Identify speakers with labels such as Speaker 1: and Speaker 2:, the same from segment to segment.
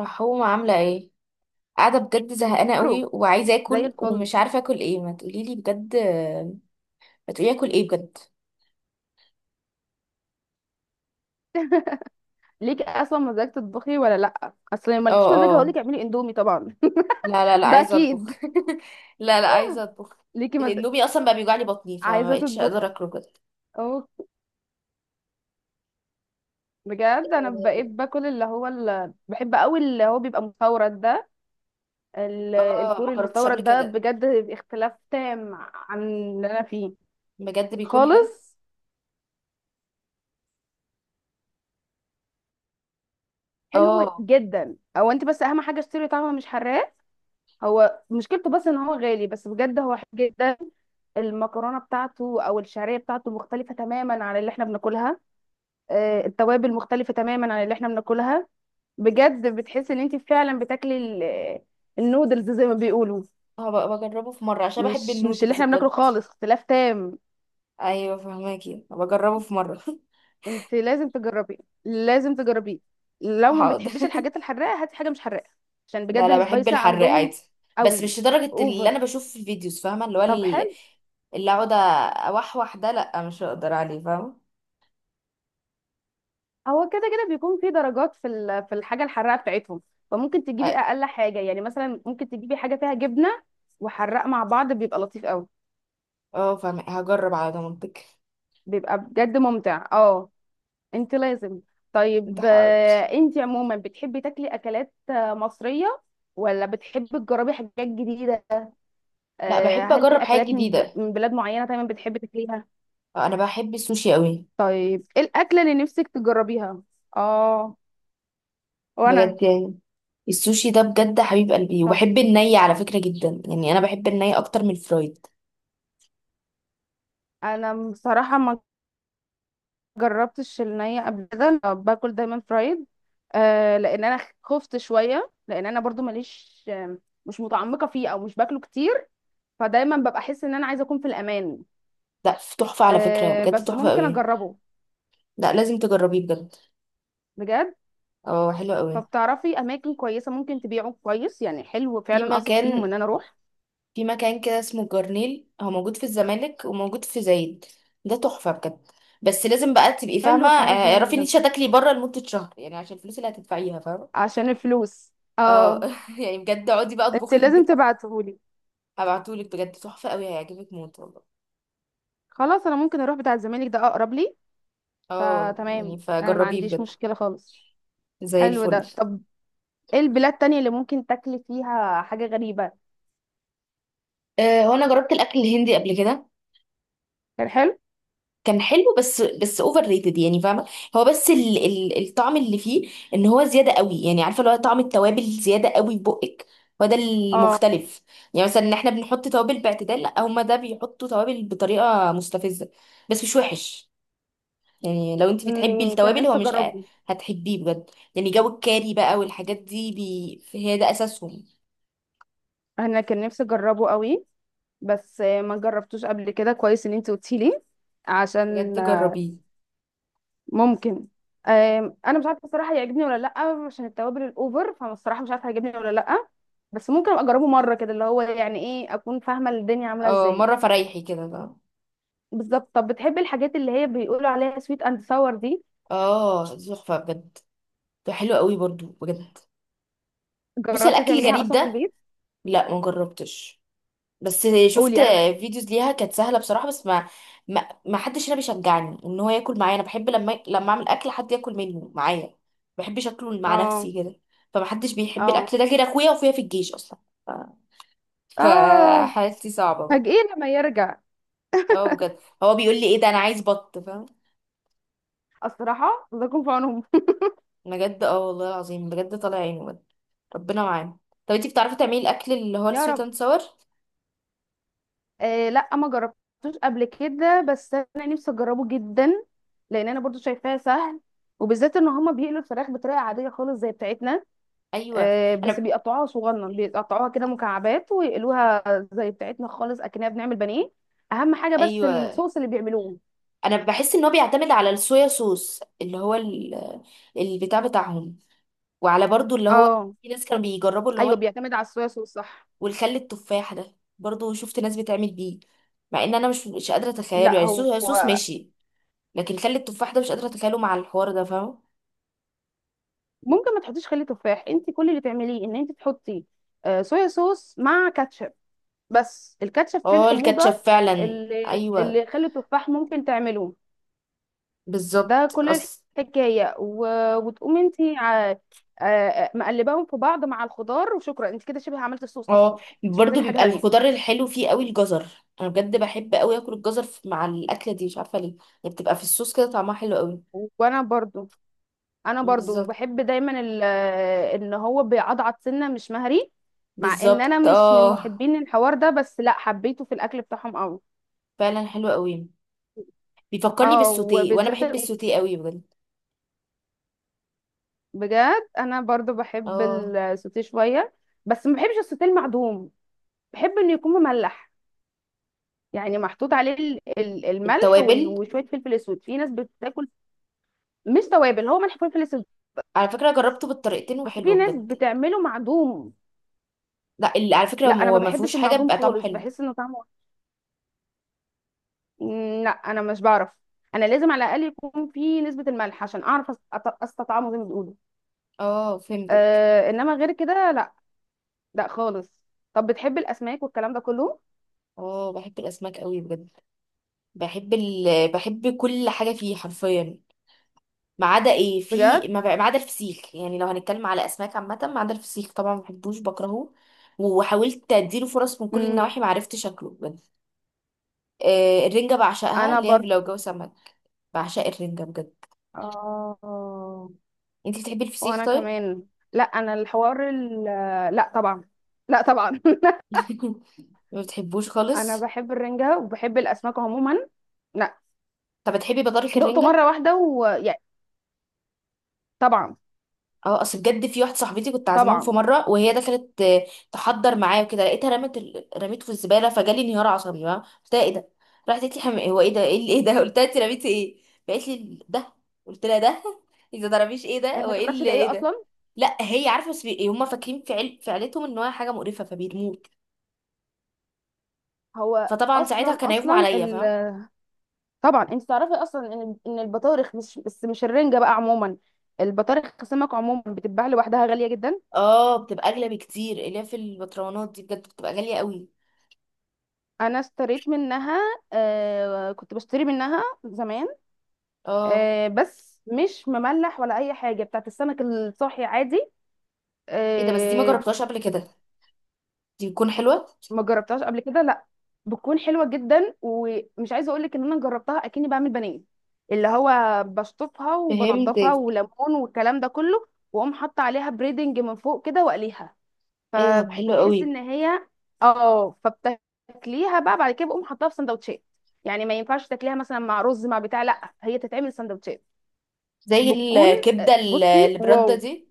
Speaker 1: رحومة عاملة ايه؟ قاعدة بجد زهقانة
Speaker 2: برو.
Speaker 1: قوي وعايزة
Speaker 2: زي
Speaker 1: اكل
Speaker 2: الفل.
Speaker 1: ومش عارفة اكل ايه، ما تقوليلي بجد. ما تقولي اكل ايه بجد.
Speaker 2: ليكي اصلا مزاج تطبخي ولا لا؟ اصل لو
Speaker 1: اه،
Speaker 2: مالكيش مزاج هقول
Speaker 1: اه.
Speaker 2: لك اعملي اندومي طبعا.
Speaker 1: لا، لا، لا،
Speaker 2: ده
Speaker 1: عايزة اطبخ.
Speaker 2: اكيد.
Speaker 1: لا، لا، عايزة اطبخ.
Speaker 2: ليكي مزاج،
Speaker 1: الاندومي اصلا بقى بيوجعلي بطني فما
Speaker 2: عايزه
Speaker 1: بقتش
Speaker 2: تطبخي.
Speaker 1: اقدر اكله بجد.
Speaker 2: اوه. بجد انا بقيت باكل، اللي هو اللي بحب قوي، اللي هو بيبقى مستورد ده،
Speaker 1: اه، ما
Speaker 2: الكوري
Speaker 1: جربتش قبل
Speaker 2: المستورد ده
Speaker 1: كده.
Speaker 2: بجد. اختلاف تام عن اللي انا فيه
Speaker 1: بجد بيكون حلو.
Speaker 2: خالص. حلو
Speaker 1: اه،
Speaker 2: جدا او انت بس اهم حاجه اشتري طعمه مش حراق. هو مشكلته بس ان هو غالي، بس بجد هو حلو جدا. المكرونه بتاعته او الشعريه بتاعته مختلفه تماما عن اللي احنا بناكلها. التوابل مختلفه تماما عن اللي احنا بناكلها. بجد بتحس ان انت فعلا بتاكلي النودلز زي ما بيقولوا.
Speaker 1: هبقى بجربه في مرة عشان بحب
Speaker 2: مش اللي
Speaker 1: النودلز
Speaker 2: احنا بناكله
Speaker 1: بجد.
Speaker 2: خالص. اختلاف تام.
Speaker 1: ايوه، فهماكي بجربه في مرة.
Speaker 2: انت لازم تجربيه. لازم تجربيه. لو ما
Speaker 1: حاضر.
Speaker 2: بتحبيش الحاجات الحراقه هاتي حاجه مش حراقه. عشان
Speaker 1: لا،
Speaker 2: بجد
Speaker 1: لا، بحب
Speaker 2: السبايسي
Speaker 1: الحراق
Speaker 2: عندهم
Speaker 1: عادي. بس
Speaker 2: قوي.
Speaker 1: مش لدرجة اللي
Speaker 2: اوفر.
Speaker 1: انا بشوف في الفيديوز، فاهمة؟ اللي هو
Speaker 2: طب حلو.
Speaker 1: اللي اقعد، اوحوح، ده لا مش هقدر عليه، فاهمة.
Speaker 2: هو كده كده بيكون في درجات، في الحاجه الحراقه بتاعتهم. فممكن
Speaker 1: اه.
Speaker 2: تجيبي اقل حاجه، يعني مثلا ممكن تجيبي حاجه فيها جبنه وحراق مع بعض، بيبقى لطيف قوي.
Speaker 1: فاهمة، هجرب على ضمانتك.
Speaker 2: بيبقى بجد ممتع، اه. انت لازم.
Speaker 1: انت
Speaker 2: طيب.
Speaker 1: حاضر.
Speaker 2: انت عموما بتحبي تاكلي اكلات مصريه، ولا بتحبي تجربي حاجات جديده؟
Speaker 1: لا بحب
Speaker 2: هل في
Speaker 1: اجرب حاجات
Speaker 2: اكلات
Speaker 1: جديدة.
Speaker 2: من بلاد معينه دايما بتحبي تاكليها؟
Speaker 1: انا بحب السوشي قوي.
Speaker 2: طيب ايه الاكله اللي نفسك تجربيها؟ اه. وانا.
Speaker 1: بجد يعني السوشي ده بجد حبيب قلبي،
Speaker 2: طب
Speaker 1: وبحب الني على فكرة جدا، يعني انا بحب الني اكتر من الفرايد.
Speaker 2: انا بصراحه ما جربتش النية قبل كده. أنا باكل دايما فرايد. لان انا خفت شويه، لان انا برضو ماليش، مش متعمقه فيه او مش باكله كتير. فدايما ببقى احس ان انا عايزه اكون في الامان.
Speaker 1: لا، تحفة على فكرة بجد،
Speaker 2: بس
Speaker 1: تحفة
Speaker 2: ممكن
Speaker 1: قوي.
Speaker 2: اجربه.
Speaker 1: لا، لازم تجربيه بجد.
Speaker 2: بجد
Speaker 1: اه، حلو قوي.
Speaker 2: فبتعرفي اماكن كويسه ممكن تبيعه كويس يعني، حلو
Speaker 1: في
Speaker 2: فعلا، اثق فيهم
Speaker 1: مكان
Speaker 2: ان انا اروح؟
Speaker 1: في مكان كده اسمه جرنيل، هو موجود في الزمالك وموجود في زايد. ده تحفة بجد. بس لازم بقى تبقي
Speaker 2: حلو
Speaker 1: فاهمة،
Speaker 2: حوار الزمالك
Speaker 1: اعرفي ان
Speaker 2: ده.
Speaker 1: انت هتاكلي بره لمدة شهر، يعني عشان الفلوس اللي هتدفعيها، فاهمة.
Speaker 2: عشان الفلوس،
Speaker 1: اه.
Speaker 2: اه.
Speaker 1: يعني بجد اقعدي بقى
Speaker 2: انت
Speaker 1: اطبخي في
Speaker 2: لازم
Speaker 1: البيت.
Speaker 2: تبعتهولي.
Speaker 1: هبعتهولك بجد، تحفة قوي، هيعجبك موت والله.
Speaker 2: خلاص، انا ممكن اروح بتاع الزمالك ده اقرب لي.
Speaker 1: اه، يعني
Speaker 2: فتمام، انا ما
Speaker 1: فجربيه
Speaker 2: عنديش
Speaker 1: بجد.
Speaker 2: مشكله خالص.
Speaker 1: زي
Speaker 2: حلو
Speaker 1: الفل.
Speaker 2: ده. طب ايه البلاد التانية اللي ممكن تاكلي فيها حاجة غريبة؟
Speaker 1: هو انا جربت الاكل الهندي قبل كده.
Speaker 2: كان حلو.
Speaker 1: كان حلو، بس اوفر ريتد، يعني فاهمه. هو بس ال ال الطعم اللي فيه، ان هو زياده قوي، يعني عارفه اللي هو طعم التوابل زياده قوي في بقك. هو ده
Speaker 2: اه.
Speaker 1: المختلف. يعني مثلا ان احنا بنحط توابل باعتدال، لا هما ده بيحطوا توابل بطريقه مستفزه. بس مش وحش. يعني لو انت بتحبي
Speaker 2: كان
Speaker 1: التوابل، هو
Speaker 2: نفسي
Speaker 1: مش
Speaker 2: اجربه.
Speaker 1: هتحبيه بجد. يعني جو الكاري بقى والحاجات دي بي هي ده اساسهم.
Speaker 2: انا كان نفسي اجربه قوي. بس ما جربتوش قبل كده. كويس ان انت قلتي لي.
Speaker 1: بجد
Speaker 2: عشان
Speaker 1: جربيه.
Speaker 2: ممكن. انا مش عارفه الصراحه هيعجبني ولا لا. عشان التوابل الاوفر فانا الصراحه مش عارفه هيعجبني ولا لا. بس ممكن ابقى اجربه مره كده، اللي هو يعني ايه، اكون فاهمه الدنيا عامله
Speaker 1: اه،
Speaker 2: ازاي.
Speaker 1: مره فريحي كده بقى.
Speaker 2: بالظبط. طب بتحبي الحاجات اللي هي بيقولوا عليها سويت اند ساور دي؟
Speaker 1: اه، تحفه بجد. ده حلو قوي برضو بجد. بصي،
Speaker 2: جربتي
Speaker 1: الاكل
Speaker 2: تعمليها
Speaker 1: الغريب
Speaker 2: اصلا في
Speaker 1: ده
Speaker 2: البيت؟
Speaker 1: لا ما جربتش، بس شفت
Speaker 2: قولي انا معاكي.
Speaker 1: فيديوز ليها، كانت سهله بصراحه، بس ما حدش هنا بيشجعني ان هو ياكل معايا. انا بحب لما اعمل اكل حد ياكل منه معايا، ما بحبش اكله مع
Speaker 2: اه.
Speaker 1: نفسي كده. فما حدش بيحب
Speaker 2: اه.
Speaker 1: الاكل ده غير اخويا، واخويا في الجيش اصلا. ف...
Speaker 2: اه.
Speaker 1: فحالتي صعبه بقى.
Speaker 2: فاجئين لما يرجع.
Speaker 1: اه، بجد هو بيقول لي ايه ده، انا عايز بط، فاهم؟
Speaker 2: الصراحه الله يكون في عونهم.
Speaker 1: بجد، اه والله العظيم، بجد طالع عينه بجد. ربنا معانا. طب انتي بتعرفي تعملي الاكل اللي هو
Speaker 2: يا
Speaker 1: السويت
Speaker 2: رب.
Speaker 1: اند ساور؟
Speaker 2: لا، ما جربتوش قبل كده بس انا نفسي اجربه جدا. لان انا برضو شايفاه سهل، وبالذات ان هما بيقلوا الفراخ بطريقه عاديه خالص زي بتاعتنا.
Speaker 1: ايوه
Speaker 2: بس
Speaker 1: انا
Speaker 2: بيقطعوها صغنن، بيقطعوها كده مكعبات ويقلوها. زي بتاعتنا خالص، اكننا بنعمل بانيه. اهم حاجه بس
Speaker 1: ايوه
Speaker 2: الصوص اللي بيعملوه.
Speaker 1: انا بحس ان هو بيعتمد على الصويا صوص اللي هو البتاع بتاعهم، وعلى برضو اللي هو،
Speaker 2: اه.
Speaker 1: في ناس كانوا بيجربوا اللي هو،
Speaker 2: ايوه، بيعتمد على الصويا صوص، صح.
Speaker 1: والخل التفاح ده برضو شفت ناس بتعمل بيه. مع ان انا مش قادره اتخيله،
Speaker 2: لا،
Speaker 1: يعني
Speaker 2: هو
Speaker 1: صويا صوص ماشي، لكن خل التفاح ده مش قادره اتخيله مع الحوار ده، فاهم؟
Speaker 2: ممكن ما تحطيش خل تفاح. انت كل اللي تعمليه ان انت تحطي صويا صوص مع كاتشب. بس الكاتشب فيه
Speaker 1: اه، الكاتشب
Speaker 2: الحموضه
Speaker 1: فعلا.
Speaker 2: اللي
Speaker 1: ايوه
Speaker 2: اللي خل التفاح ممكن تعمله. ده
Speaker 1: بالظبط
Speaker 2: كل
Speaker 1: اصل.
Speaker 2: الحكايه وتقومي انت مقلباهم في بعض مع الخضار، وشكرا. انت كده شبه عملت الصوص اصلا.
Speaker 1: اه،
Speaker 2: انت مش
Speaker 1: برضو
Speaker 2: محتاجه حاجه
Speaker 1: بيبقى
Speaker 2: تانية.
Speaker 1: الخضار الحلو فيه قوي، الجزر. انا بجد بحب قوي اكل الجزر مع الاكله دي، مش عارفه ليه. يعني بتبقى في الصوص كده طعمها حلو قوي.
Speaker 2: وانا برضو انا برضو
Speaker 1: بالظبط،
Speaker 2: بحب دايما ان هو بيعضعض سنه مش مهري. مع ان انا
Speaker 1: بالظبط،
Speaker 2: مش من
Speaker 1: اه.
Speaker 2: محبين الحوار ده، بس لا، حبيته في الاكل بتاعهم قوي.
Speaker 1: فعلا حلو قوي. بيفكرني
Speaker 2: اه،
Speaker 1: بالسوتيه، وانا
Speaker 2: وبالذات
Speaker 1: بحب السوتيه قوي بجد.
Speaker 2: بجد انا برضو بحب
Speaker 1: اه،
Speaker 2: السوتيه شويه. بس ما بحبش السوتيه المعدوم. بحب انه يكون مملح. يعني محطوط عليه الملح
Speaker 1: التوابل.
Speaker 2: وشويه فلفل اسود. في ناس بتاكل. مش توابل، هو ملح فلفل اسود.
Speaker 1: على فكره جربته
Speaker 2: بس
Speaker 1: بالطريقتين
Speaker 2: بس في
Speaker 1: وحلو
Speaker 2: ناس
Speaker 1: بجد.
Speaker 2: بتعمله معدوم.
Speaker 1: لا، على فكره
Speaker 2: لا، انا
Speaker 1: هو
Speaker 2: ما
Speaker 1: ما فيهوش
Speaker 2: بحبش
Speaker 1: حاجه،
Speaker 2: المعدوم
Speaker 1: بيبقى طعمه
Speaker 2: خالص.
Speaker 1: حلو.
Speaker 2: بحس انه طعمه لا انا مش بعرف. انا لازم على الاقل يكون في نسبه الملح عشان اعرف استطعمه زي ما بيقولوا.
Speaker 1: اه، فهمتك.
Speaker 2: انما غير كده لا. لا خالص. طب بتحب الاسماك والكلام ده كله؟
Speaker 1: اه، بحب الاسماك قوي بجد. بحب كل حاجه فيه حرفيا، ما عدا ايه. في
Speaker 2: بجد.
Speaker 1: ما بقى- ما عدا الفسيخ، يعني لو هنتكلم على اسماك عامه، ما عدا الفسيخ طبعا، ما بحبوش بكرهه. وحاولت اديله فرص من كل
Speaker 2: امم
Speaker 1: النواحي، ما عرفتش شكله بجد. الرنجه بعشقها،
Speaker 2: انا
Speaker 1: اللي هي
Speaker 2: برضه.
Speaker 1: لو جو سمك بعشق الرنجة بجد.
Speaker 2: اه.
Speaker 1: انتي بتحبي الفسيخ
Speaker 2: وانا
Speaker 1: طيب؟
Speaker 2: كمان. لا انا الحوار لا طبعا. لا طبعا.
Speaker 1: ما بتحبوش
Speaker 2: انا
Speaker 1: خالص.
Speaker 2: بحب الرنجة وبحب الاسماك عموما. لا.
Speaker 1: طب بتحبي بطارخ
Speaker 2: دقته
Speaker 1: الرنجة؟
Speaker 2: مرة واحدة ويعني. طبعا.
Speaker 1: اه، اصل بجد في واحدة صاحبتي كنت عازماهم في
Speaker 2: طبعا.
Speaker 1: مرة، وهي دخلت تحضر معايا وكده، لقيتها رمت رميته في الزبالة، فجالي انهيار عصبي بقى. قلت لها ايه ده؟ راحت قالت لي هو ايه ده؟ ايه ده؟ قلت لها انت رميتي ايه؟ قالت لي ده. قلت لها ده؟ اذا ضربيش ايه
Speaker 2: هي
Speaker 1: ده
Speaker 2: ما
Speaker 1: وايه
Speaker 2: تعرفش
Speaker 1: اللي
Speaker 2: ده ايه
Speaker 1: ايه ده.
Speaker 2: اصلا.
Speaker 1: لا هي عارفه، بس هم فاكرين في عيلتهم ان هو حاجه مقرفه فبيرموك.
Speaker 2: هو
Speaker 1: فطبعا ساعتها
Speaker 2: اصلا
Speaker 1: كان هيغمى
Speaker 2: اصلا
Speaker 1: عليا، فاهم؟
Speaker 2: طبعا. انت تعرفي اصلا ان البطارخ مش بس، مش الرنجة بقى عموما. البطارخ سمك عموما بتتباع لوحدها غالية جدا.
Speaker 1: اه، بتبقى اغلى بكتير، الياف البطرونات دي بجد بتبقى غاليه قوي.
Speaker 2: انا اشتريت منها. كنت بشتري منها زمان.
Speaker 1: اه،
Speaker 2: بس مش مملح ولا اي حاجه، بتاعت السمك الصاحي عادي.
Speaker 1: ايه ده بس، دي ما
Speaker 2: آه
Speaker 1: جربتهاش قبل كده. دي بتكون حلوه.
Speaker 2: ما جربتهاش قبل كده لا. بتكون حلوه جدا، ومش عايزه اقول لك ان انا جربتها اكني بعمل بانيه. اللي هو بشطفها وبنضفها،
Speaker 1: فهمتك.
Speaker 2: وليمون، والكلام ده كله. واقوم حاطه عليها بريدنج من فوق كده واقليها،
Speaker 1: ايه ده، طب حلو
Speaker 2: فبتحس
Speaker 1: قوي.
Speaker 2: ان هي اه. فبتاكليها بقى بعد كده، بقوم حاطاها في سندوتشات. يعني ما ينفعش تاكليها مثلا مع رز مع بتاع، لا، هي تتعمل سندوتشات.
Speaker 1: زي
Speaker 2: بتكون
Speaker 1: الكبده
Speaker 2: بصي
Speaker 1: اللي برده
Speaker 2: واو.
Speaker 1: دي.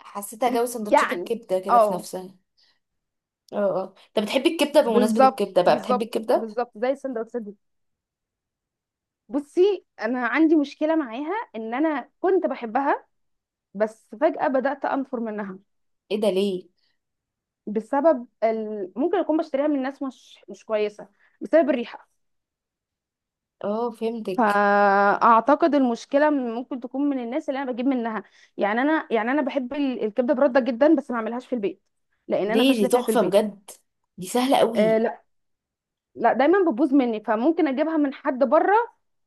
Speaker 1: حسيتها جو سندوتشات
Speaker 2: يعني،
Speaker 1: الكبده كده في
Speaker 2: اه.
Speaker 1: نفسها. اه. اه، طب بتحبي الكبده؟ بمناسبه
Speaker 2: بالظبط.
Speaker 1: الكبده بقى، بتحبي
Speaker 2: بالظبط.
Speaker 1: الكبده؟
Speaker 2: بالظبط زي السندوتشات دي. بصي انا عندي مشكله معاها، ان انا كنت بحبها بس فجاه بدات انفر منها.
Speaker 1: ايه ده ليه؟
Speaker 2: بسبب ممكن اكون بشتريها من ناس مش كويسه، بسبب الريحه.
Speaker 1: اه، فهمتك.
Speaker 2: فاعتقد المشكله ممكن تكون من الناس اللي انا بجيب منها. يعني انا بحب الكبده برده جدا، بس ما اعملهاش في البيت. لان انا
Speaker 1: ليه؟ دي
Speaker 2: فاشله فيها في
Speaker 1: تحفه
Speaker 2: البيت.
Speaker 1: بجد، دي سهله قوي.
Speaker 2: آه، لا، دايما بتبوظ مني. فممكن اجيبها من حد بره.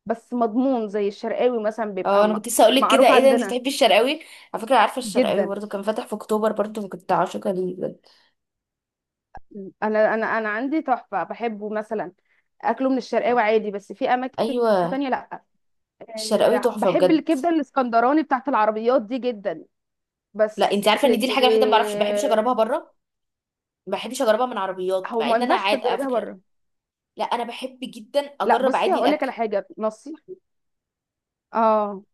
Speaker 2: بس مضمون، زي الشرقاوي مثلا
Speaker 1: اه،
Speaker 2: بيبقى
Speaker 1: انا كنت لسه اقول لك كده،
Speaker 2: معروف
Speaker 1: ايه ده؟ انت
Speaker 2: عندنا.
Speaker 1: بتحبي الشرقاوي؟ على فكره عارفه الشرقاوي
Speaker 2: جدا.
Speaker 1: برضه كان فاتح في اكتوبر، برضه كنت عاشقه ليه بجد.
Speaker 2: انا عندي تحفه بحبه مثلا اكله من الشرقاوي
Speaker 1: آه.
Speaker 2: عادي، بس في اماكن
Speaker 1: ايوه،
Speaker 2: تانية لا.
Speaker 1: الشرقاوي تحفه
Speaker 2: بحب
Speaker 1: بجد.
Speaker 2: الكبده الاسكندراني بتاعت العربيات دي جدا.
Speaker 1: لا،
Speaker 2: بس
Speaker 1: انت عارفه ان دي الحاجه الوحيده ما بعرفش، ما بحبش
Speaker 2: آه،
Speaker 1: اجربها بره، ما بحبش اجربها من عربيات،
Speaker 2: هو
Speaker 1: مع
Speaker 2: ما
Speaker 1: ان انا
Speaker 2: ينفعش
Speaker 1: عاد على
Speaker 2: تجربيها
Speaker 1: فكره.
Speaker 2: بره.
Speaker 1: لا، انا بحب جدا
Speaker 2: لا،
Speaker 1: اجرب
Speaker 2: بصي
Speaker 1: عادي
Speaker 2: هقول لك على
Speaker 1: الاكل.
Speaker 2: حاجه نصيحه. اه.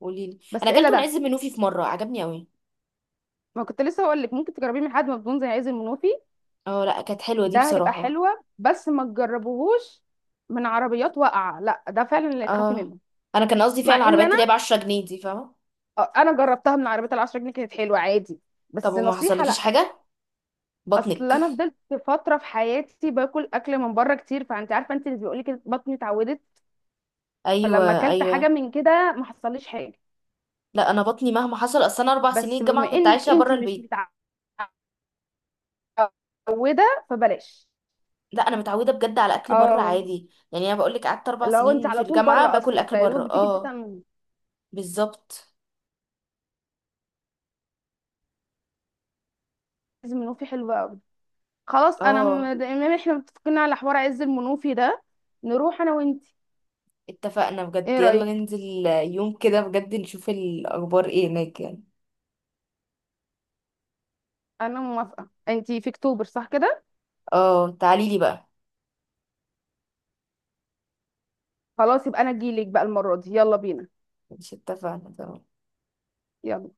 Speaker 1: قولي لي. انا
Speaker 2: بس الا
Speaker 1: اكلته من عز
Speaker 2: ده.
Speaker 1: منوفي في مره، عجبني قوي.
Speaker 2: ما كنت لسه هقول لك ممكن تجربيه من حد مضمون زي عايز المنوفي.
Speaker 1: اه، لا كانت حلوه دي
Speaker 2: ده هيبقى
Speaker 1: بصراحه.
Speaker 2: حلوة، بس ما تجربوهوش من عربيات واقعة. لا ده فعلا اللي تخافي
Speaker 1: اه،
Speaker 2: منه.
Speaker 1: انا كان قصدي فعلا
Speaker 2: مع ان
Speaker 1: العربيات
Speaker 2: انا
Speaker 1: اللي هي ب 10 جنيه دي، فاهمه؟
Speaker 2: انا جربتها من عربيات العشرة جنيه كانت حلوة عادي،
Speaker 1: طب
Speaker 2: بس
Speaker 1: ما
Speaker 2: نصيحة
Speaker 1: حصلكيش
Speaker 2: لا.
Speaker 1: حاجه
Speaker 2: اصل
Speaker 1: بطنك؟
Speaker 2: انا فضلت فترة في حياتي باكل اكل من بره كتير، فانت عارفة، انت اللي بيقولي كده، بطني اتعودت. فلما
Speaker 1: ايوه،
Speaker 2: اكلت حاجة
Speaker 1: ايوه.
Speaker 2: من كده ما حصليش حاجة.
Speaker 1: لا، انا بطني مهما حصل، اصل انا 4 سنين
Speaker 2: بس
Speaker 1: الجامعه
Speaker 2: بما
Speaker 1: كنت
Speaker 2: انك
Speaker 1: عايشه
Speaker 2: انت
Speaker 1: بره
Speaker 2: مش
Speaker 1: البيت.
Speaker 2: متعودة فبلاش.
Speaker 1: لا، انا متعوده بجد على اكل بره
Speaker 2: اه،
Speaker 1: عادي، يعني انا بقول لك قعدت اربع
Speaker 2: لو انت
Speaker 1: سنين في
Speaker 2: على طول
Speaker 1: الجامعه
Speaker 2: بره
Speaker 1: باكل
Speaker 2: اصلا
Speaker 1: اكل
Speaker 2: فيا
Speaker 1: بره.
Speaker 2: دوبك بتيجي البيت
Speaker 1: اه، بالظبط.
Speaker 2: لازم يكون في حلوة أوي. خلاص، انا
Speaker 1: اه،
Speaker 2: دايما احنا متفقين على حوار عز المنوفي ده. نروح انا وانتي.
Speaker 1: اتفقنا بجد،
Speaker 2: ايه
Speaker 1: يلا
Speaker 2: رايك؟
Speaker 1: ننزل يوم كده بجد نشوف الأخبار ايه هناك يعني.
Speaker 2: انا موافقه. انتي في اكتوبر، صح كده؟
Speaker 1: اه، تعاليلي بقى.
Speaker 2: خلاص، يبقى انا اجيلك بقى المره دي. يلا بينا.
Speaker 1: مش اتفقنا؟ تمام.
Speaker 2: يلا.